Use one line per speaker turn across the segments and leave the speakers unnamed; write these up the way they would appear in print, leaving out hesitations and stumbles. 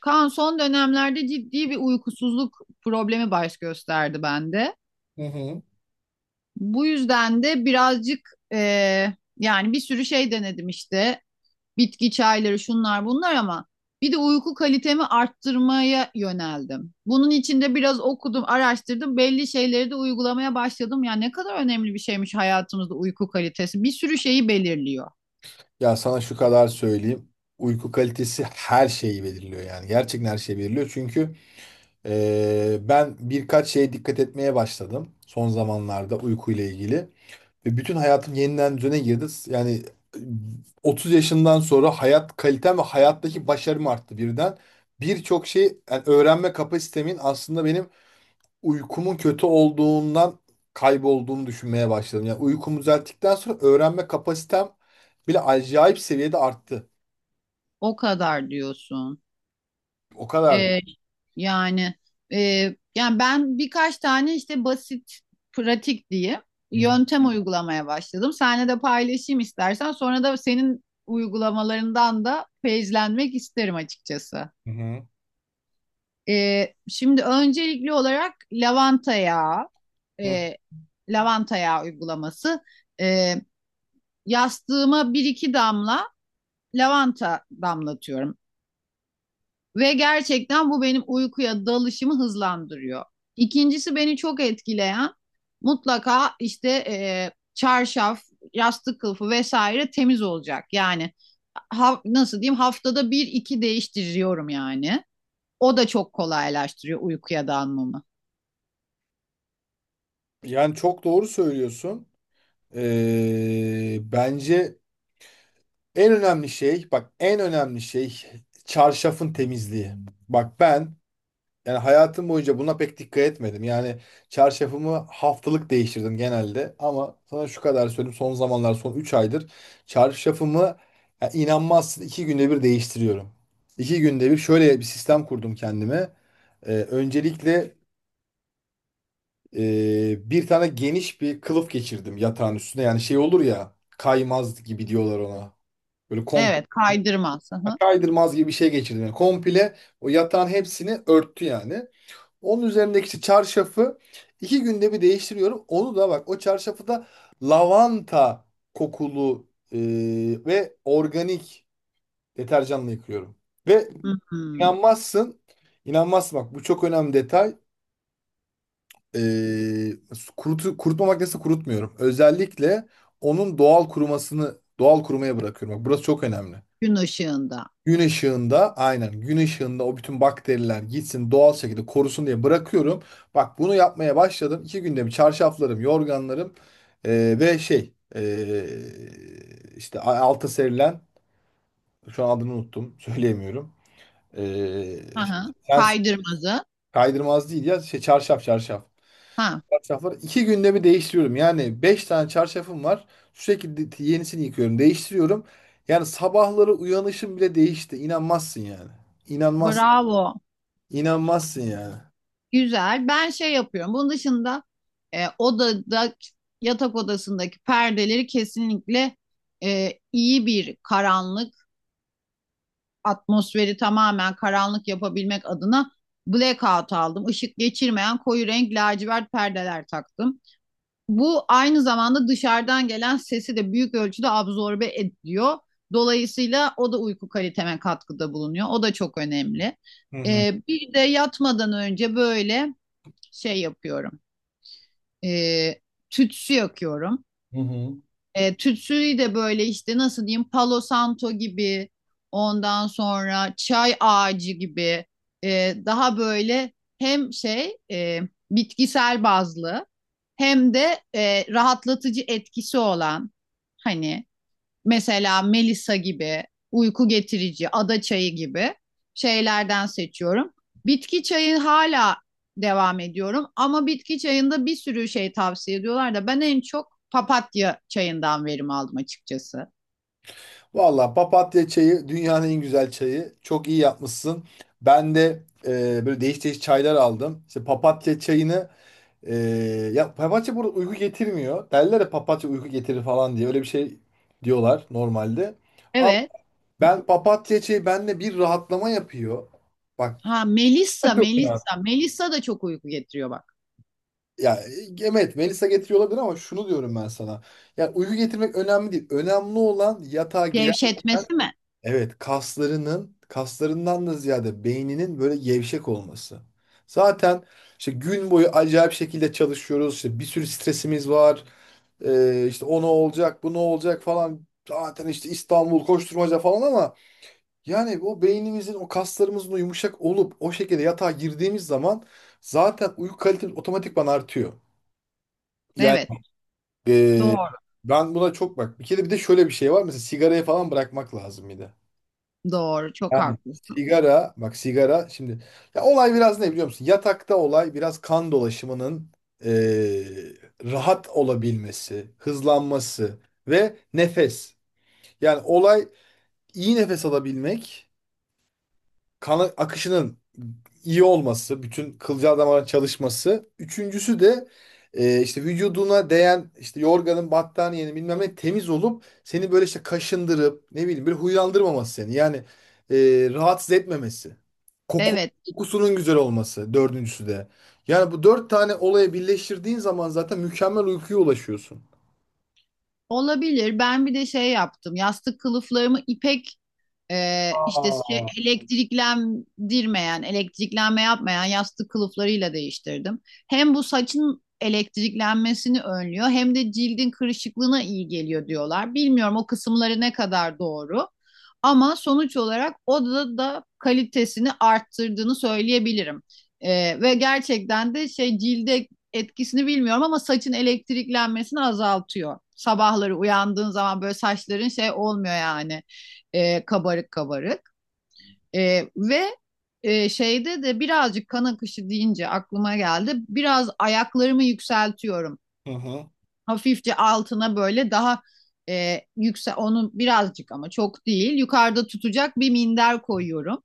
Kaan son dönemlerde ciddi bir uykusuzluk problemi baş gösterdi bende.
Hı hı.
Bu yüzden de birazcık e, yani bir sürü şey denedim işte, bitki çayları şunlar bunlar, ama bir de uyku kalitemi arttırmaya yöneldim. Bunun için de biraz okudum, araştırdım. Belli şeyleri de uygulamaya başladım. Ya ne kadar önemli bir şeymiş hayatımızda uyku kalitesi. Bir sürü şeyi belirliyor.
Ya sana şu kadar söyleyeyim. Uyku kalitesi her şeyi belirliyor yani. Gerçekten her şeyi belirliyor. Çünkü ben birkaç şeye dikkat etmeye başladım son zamanlarda uykuyla ilgili. Ve bütün hayatım yeniden düzene girdi. Yani e, 30 yaşından sonra hayat kalitem ve hayattaki başarım arttı birden. Birçok şey yani öğrenme kapasitemin aslında benim uykumun kötü olduğundan kaybolduğunu düşünmeye başladım. Yani uykumu düzelttikten sonra öğrenme kapasitem bile acayip seviyede arttı.
O kadar diyorsun.
O kadar.
Ee, yani e, yani ben birkaç tane işte basit, pratik diye
Hı hı.
yöntem uygulamaya başladım. Seninle de paylaşayım istersen. Sonra da senin uygulamalarından da feyizlenmek isterim açıkçası.
Hı
Şimdi öncelikli olarak lavanta yağı,
hı.
e, lavanta yağı uygulaması. Ee, Yastığıma bir iki damla lavanta damlatıyorum. Ve gerçekten bu benim uykuya dalışımı hızlandırıyor. İkincisi, beni çok etkileyen, mutlaka işte çarşaf, yastık kılıfı vesaire temiz olacak. Yani nasıl diyeyim, haftada bir iki değiştiriyorum yani. O da çok kolaylaştırıyor uykuya dalmamı.
Yani çok doğru söylüyorsun. Bence en önemli şey, bak en önemli şey çarşafın temizliği. Bak ben, yani hayatım boyunca buna pek dikkat etmedim. Yani çarşafımı haftalık değiştirdim genelde. Ama sana şu kadar söyleyeyim. Son zamanlar, son 3 aydır çarşafımı, ya inanmazsın, 2 günde bir değiştiriyorum. 2 günde bir şöyle bir sistem kurdum kendime. Öncelikle bir tane geniş bir kılıf geçirdim yatağın üstüne. Yani şey olur ya, kaymaz gibi diyorlar ona. Böyle komple
Evet, kaydırmaz. Hı hı.
kaydırmaz gibi bir şey geçirdim. Yani komple o yatağın hepsini örttü yani. Onun üzerindeki işte çarşafı iki günde bir değiştiriyorum. Onu da bak, o çarşafı da lavanta kokulu e, ve organik deterjanla yıkıyorum. Ve
Hı hı.
inanmazsın, inanmazsın, bak bu çok önemli detay. E, kurutma makinesi kurutmuyorum. Özellikle onun doğal kurumasını, doğal kurumaya bırakıyorum. Bak burası çok önemli.
Gün ışığında.
Gün ışığında, aynen gün ışığında, o bütün bakteriler gitsin doğal şekilde korusun diye bırakıyorum. Bak bunu yapmaya başladım. İki günde bir çarşaflarım, yorganlarım ve işte alta serilen, şu an adını unuttum, söyleyemiyorum. Eee,
Hı hı.
Sen,
Kaydırmazı.
kaydırmaz değil ya. Şey, çarşaf.
Ha,
Çarşafları iki günde bir değiştiriyorum. Yani beş tane çarşafım var. Sürekli yenisini yıkıyorum. Değiştiriyorum. Yani sabahları uyanışım bile değişti. İnanmazsın yani. İnanmaz,
bravo.
inanmazsın yani.
Güzel. Ben şey yapıyorum. Bunun dışında odada, yatak odasındaki perdeleri kesinlikle, iyi bir karanlık atmosferi, tamamen karanlık yapabilmek adına blackout aldım. Işık geçirmeyen koyu renk lacivert perdeler taktım. Bu aynı zamanda dışarıdan gelen sesi de büyük ölçüde absorbe ediyor. Dolayısıyla o da uyku kaliteme katkıda bulunuyor. O da çok önemli.
Hı hı.
Bir de yatmadan önce böyle şey yapıyorum. E, Tütsü yakıyorum.
Hı hı.
Tütsüyü de böyle işte, nasıl diyeyim, Palo Santo gibi, ondan sonra çay ağacı gibi, daha böyle hem bitkisel bazlı hem de rahatlatıcı etkisi olan, hani mesela Melisa gibi, uyku getirici, ada çayı gibi şeylerden seçiyorum. Bitki çayı hala devam ediyorum, ama bitki çayında bir sürü şey tavsiye ediyorlar, da ben en çok papatya çayından verim aldım açıkçası.
Valla papatya çayı dünyanın en güzel çayı. Çok iyi yapmışsın. Ben de böyle değiş değiş çaylar aldım. İşte papatya çayını. Ee, Ya papatya burada uyku getirmiyor. Derler ya, papatya uyku getirir falan diye. Öyle bir şey diyorlar normalde. Ama
Evet.
ben papatya, şey, bende bir rahatlama yapıyor. Bak.
Ha, Melissa,
Çok ya.
Melissa. Melissa da çok uyku getiriyor bak.
Ya evet, Melisa getiriyor olabilir ama şunu diyorum ben sana. Ya uyku getirmek önemli değil. Önemli olan yatağa girerken,
Gevşetmesi mi?
evet, kaslarından da ziyade beyninin böyle gevşek olması. Zaten işte gün boyu acayip şekilde çalışıyoruz. İşte bir sürü stresimiz var. İşte o ne olacak, bu ne olacak falan. Zaten işte İstanbul koşturmaca falan ama yani o beynimizin, o kaslarımızın o yumuşak olup o şekilde yatağa girdiğimiz zaman zaten uyku kalitemiz otomatikman artıyor. Yani
Evet.
ee,
Doğru.
ben buna çok bak. Bir kere bir de şöyle bir şey var. Mesela sigarayı falan bırakmak lazım bir de.
Doğru. Çok
Yani
haklısın.
sigara, bak sigara şimdi, ya olay biraz ne biliyor musun? Yatakta olay biraz kan dolaşımının ee, rahat olabilmesi, hızlanması ve nefes. Yani olay iyi nefes alabilmek, kan akışının iyi olması, bütün kılcal damarın çalışması. Üçüncüsü de işte vücuduna değen işte yorganın, battaniyenin bilmem ne temiz olup seni böyle işte kaşındırıp ne bileyim böyle huylandırmaması seni. Yani e, rahatsız etmemesi. Koku,
Evet.
kokusunun güzel olması dördüncüsü de. Yani bu dört tane olaya birleştirdiğin zaman zaten mükemmel uykuya ulaşıyorsun.
Olabilir. Ben bir de şey yaptım. Yastık kılıflarımı ipek. İşte şey,
Aa.
elektriklendirmeyen, elektriklenme yapmayan yastık kılıflarıyla değiştirdim. Hem bu saçın elektriklenmesini önlüyor, hem de cildin kırışıklığına iyi geliyor diyorlar. Bilmiyorum o kısımları ne kadar doğru, ama sonuç olarak odada da kalitesini arttırdığını söyleyebilirim. Ve gerçekten de şey, cilde etkisini bilmiyorum ama saçın elektriklenmesini azaltıyor. Sabahları uyandığın zaman böyle saçların şey olmuyor yani, kabarık kabarık. E, ve Şeyde de birazcık, kan akışı deyince aklıma geldi. Biraz ayaklarımı yükseltiyorum.
Hı hı.
Hafifçe altına böyle daha yüksel onu birazcık, ama çok değil. Yukarıda tutacak bir minder koyuyorum.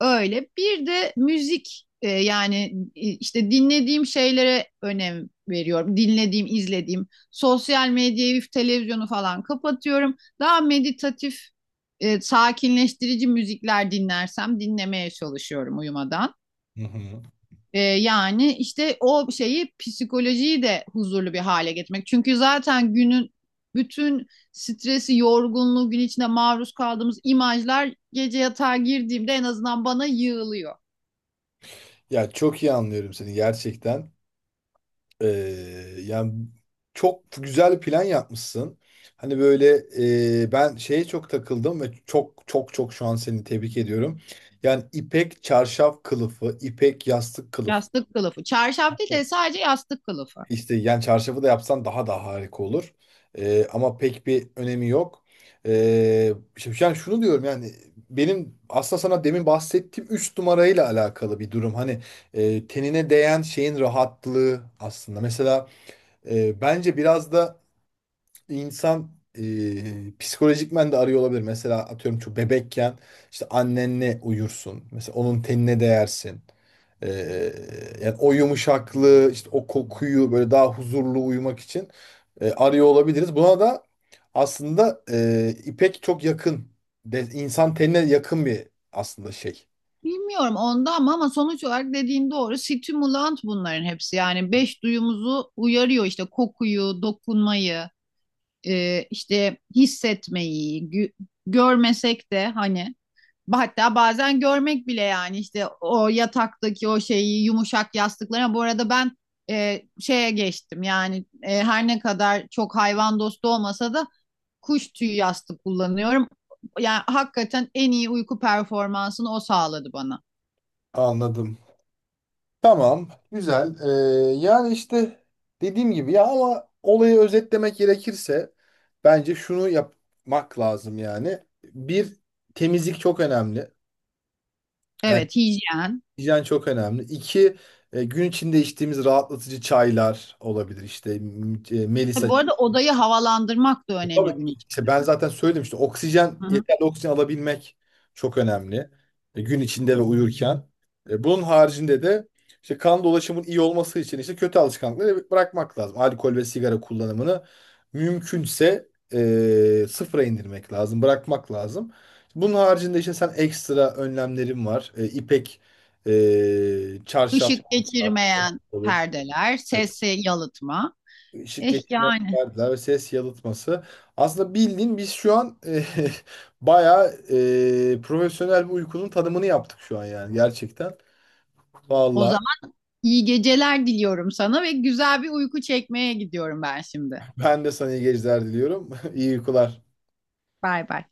Öyle. Bir de müzik, işte dinlediğim şeylere önem veriyorum. Dinlediğim, izlediğim. Sosyal medyayı, televizyonu falan kapatıyorum. Daha meditatif, sakinleştirici müzikler dinlersem, dinlemeye çalışıyorum uyumadan.
Hı hı.
Yani işte o şeyi, psikolojiyi de huzurlu bir hale getirmek. Çünkü zaten günün bütün stresi, yorgunluğu, gün içinde maruz kaldığımız imajlar gece yatağa girdiğimde en azından bana yığılıyor.
Ya çok iyi anlıyorum seni gerçekten. Ee, Yani çok güzel bir plan yapmışsın. Hani böyle ben şeye çok takıldım ve çok çok çok şu an seni tebrik ediyorum. Yani ipek çarşaf kılıfı, ipek yastık kılıf.
Yastık kılıfı. Çarşaf değil de sadece yastık kılıfı.
İşte yani çarşafı da yapsan daha da harika olur. Ama pek bir önemi yok. Şimdi yani şunu diyorum yani, benim aslında sana demin bahsettiğim 3 numarayla alakalı bir durum. Hani tenine değen şeyin rahatlığı aslında. Mesela bence biraz da insan psikolojikmen de arıyor olabilir. Mesela atıyorum çok bebekken işte annenle uyursun. Mesela onun tenine değersin. E, Yani o yumuşaklığı, işte o kokuyu, böyle daha huzurlu uyumak için arıyor olabiliriz. Buna da aslında ipek çok yakın. De, insan tenine yakın bir aslında şey.
Bilmiyorum onda, ama ama sonuç olarak dediğin doğru. Stimulant bunların hepsi. Yani beş duyumuzu uyarıyor, işte kokuyu, dokunmayı, işte hissetmeyi, görmesek de hani, hatta bazen görmek bile, yani işte o yataktaki o şeyi, yumuşak yastıklara. Bu arada ben şeye geçtim yani, her ne kadar çok hayvan dostu olmasa da kuş tüyü yastık kullanıyorum. Yani hakikaten en iyi uyku performansını o sağladı bana.
Anladım. Tamam, güzel. Yani işte dediğim gibi ya, ama olayı özetlemek gerekirse bence şunu yapmak lazım yani. Bir, temizlik çok önemli. Yani
Evet, hijyen.
hijyen çok önemli. İki, gün içinde içtiğimiz rahatlatıcı çaylar olabilir. İşte
Tabii,
Melisa.
bu arada odayı havalandırmak da önemli
Tabii.
gün
İşte
içinde.
ben zaten söyledim, işte oksijen,
Hı hı.
yeterli oksijen alabilmek çok önemli. Gün içinde ve uyurken. Bunun haricinde de işte kan dolaşımının iyi olması için işte kötü alışkanlıkları bırakmak lazım. Alkol ve sigara kullanımını mümkünse sıfıra indirmek lazım, bırakmak lazım. Bunun haricinde işte sen, ekstra önlemlerin var. İpek çarşaf
Işık
olsa
geçirmeyen
olur,
perdeler, sesi yalıtma.
ışık
Eh
geçirmeyen
yani,
perdeler ve ses yalıtması. Aslında bildiğin biz şu an bayağı profesyonel bir uykunun tanımını yaptık şu an yani gerçekten.
o
Vallahi
zaman iyi geceler diliyorum sana ve güzel bir uyku çekmeye gidiyorum ben şimdi.
ben de sana iyi geceler diliyorum. İyi uykular.
Bay bay.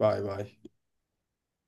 Bay bay.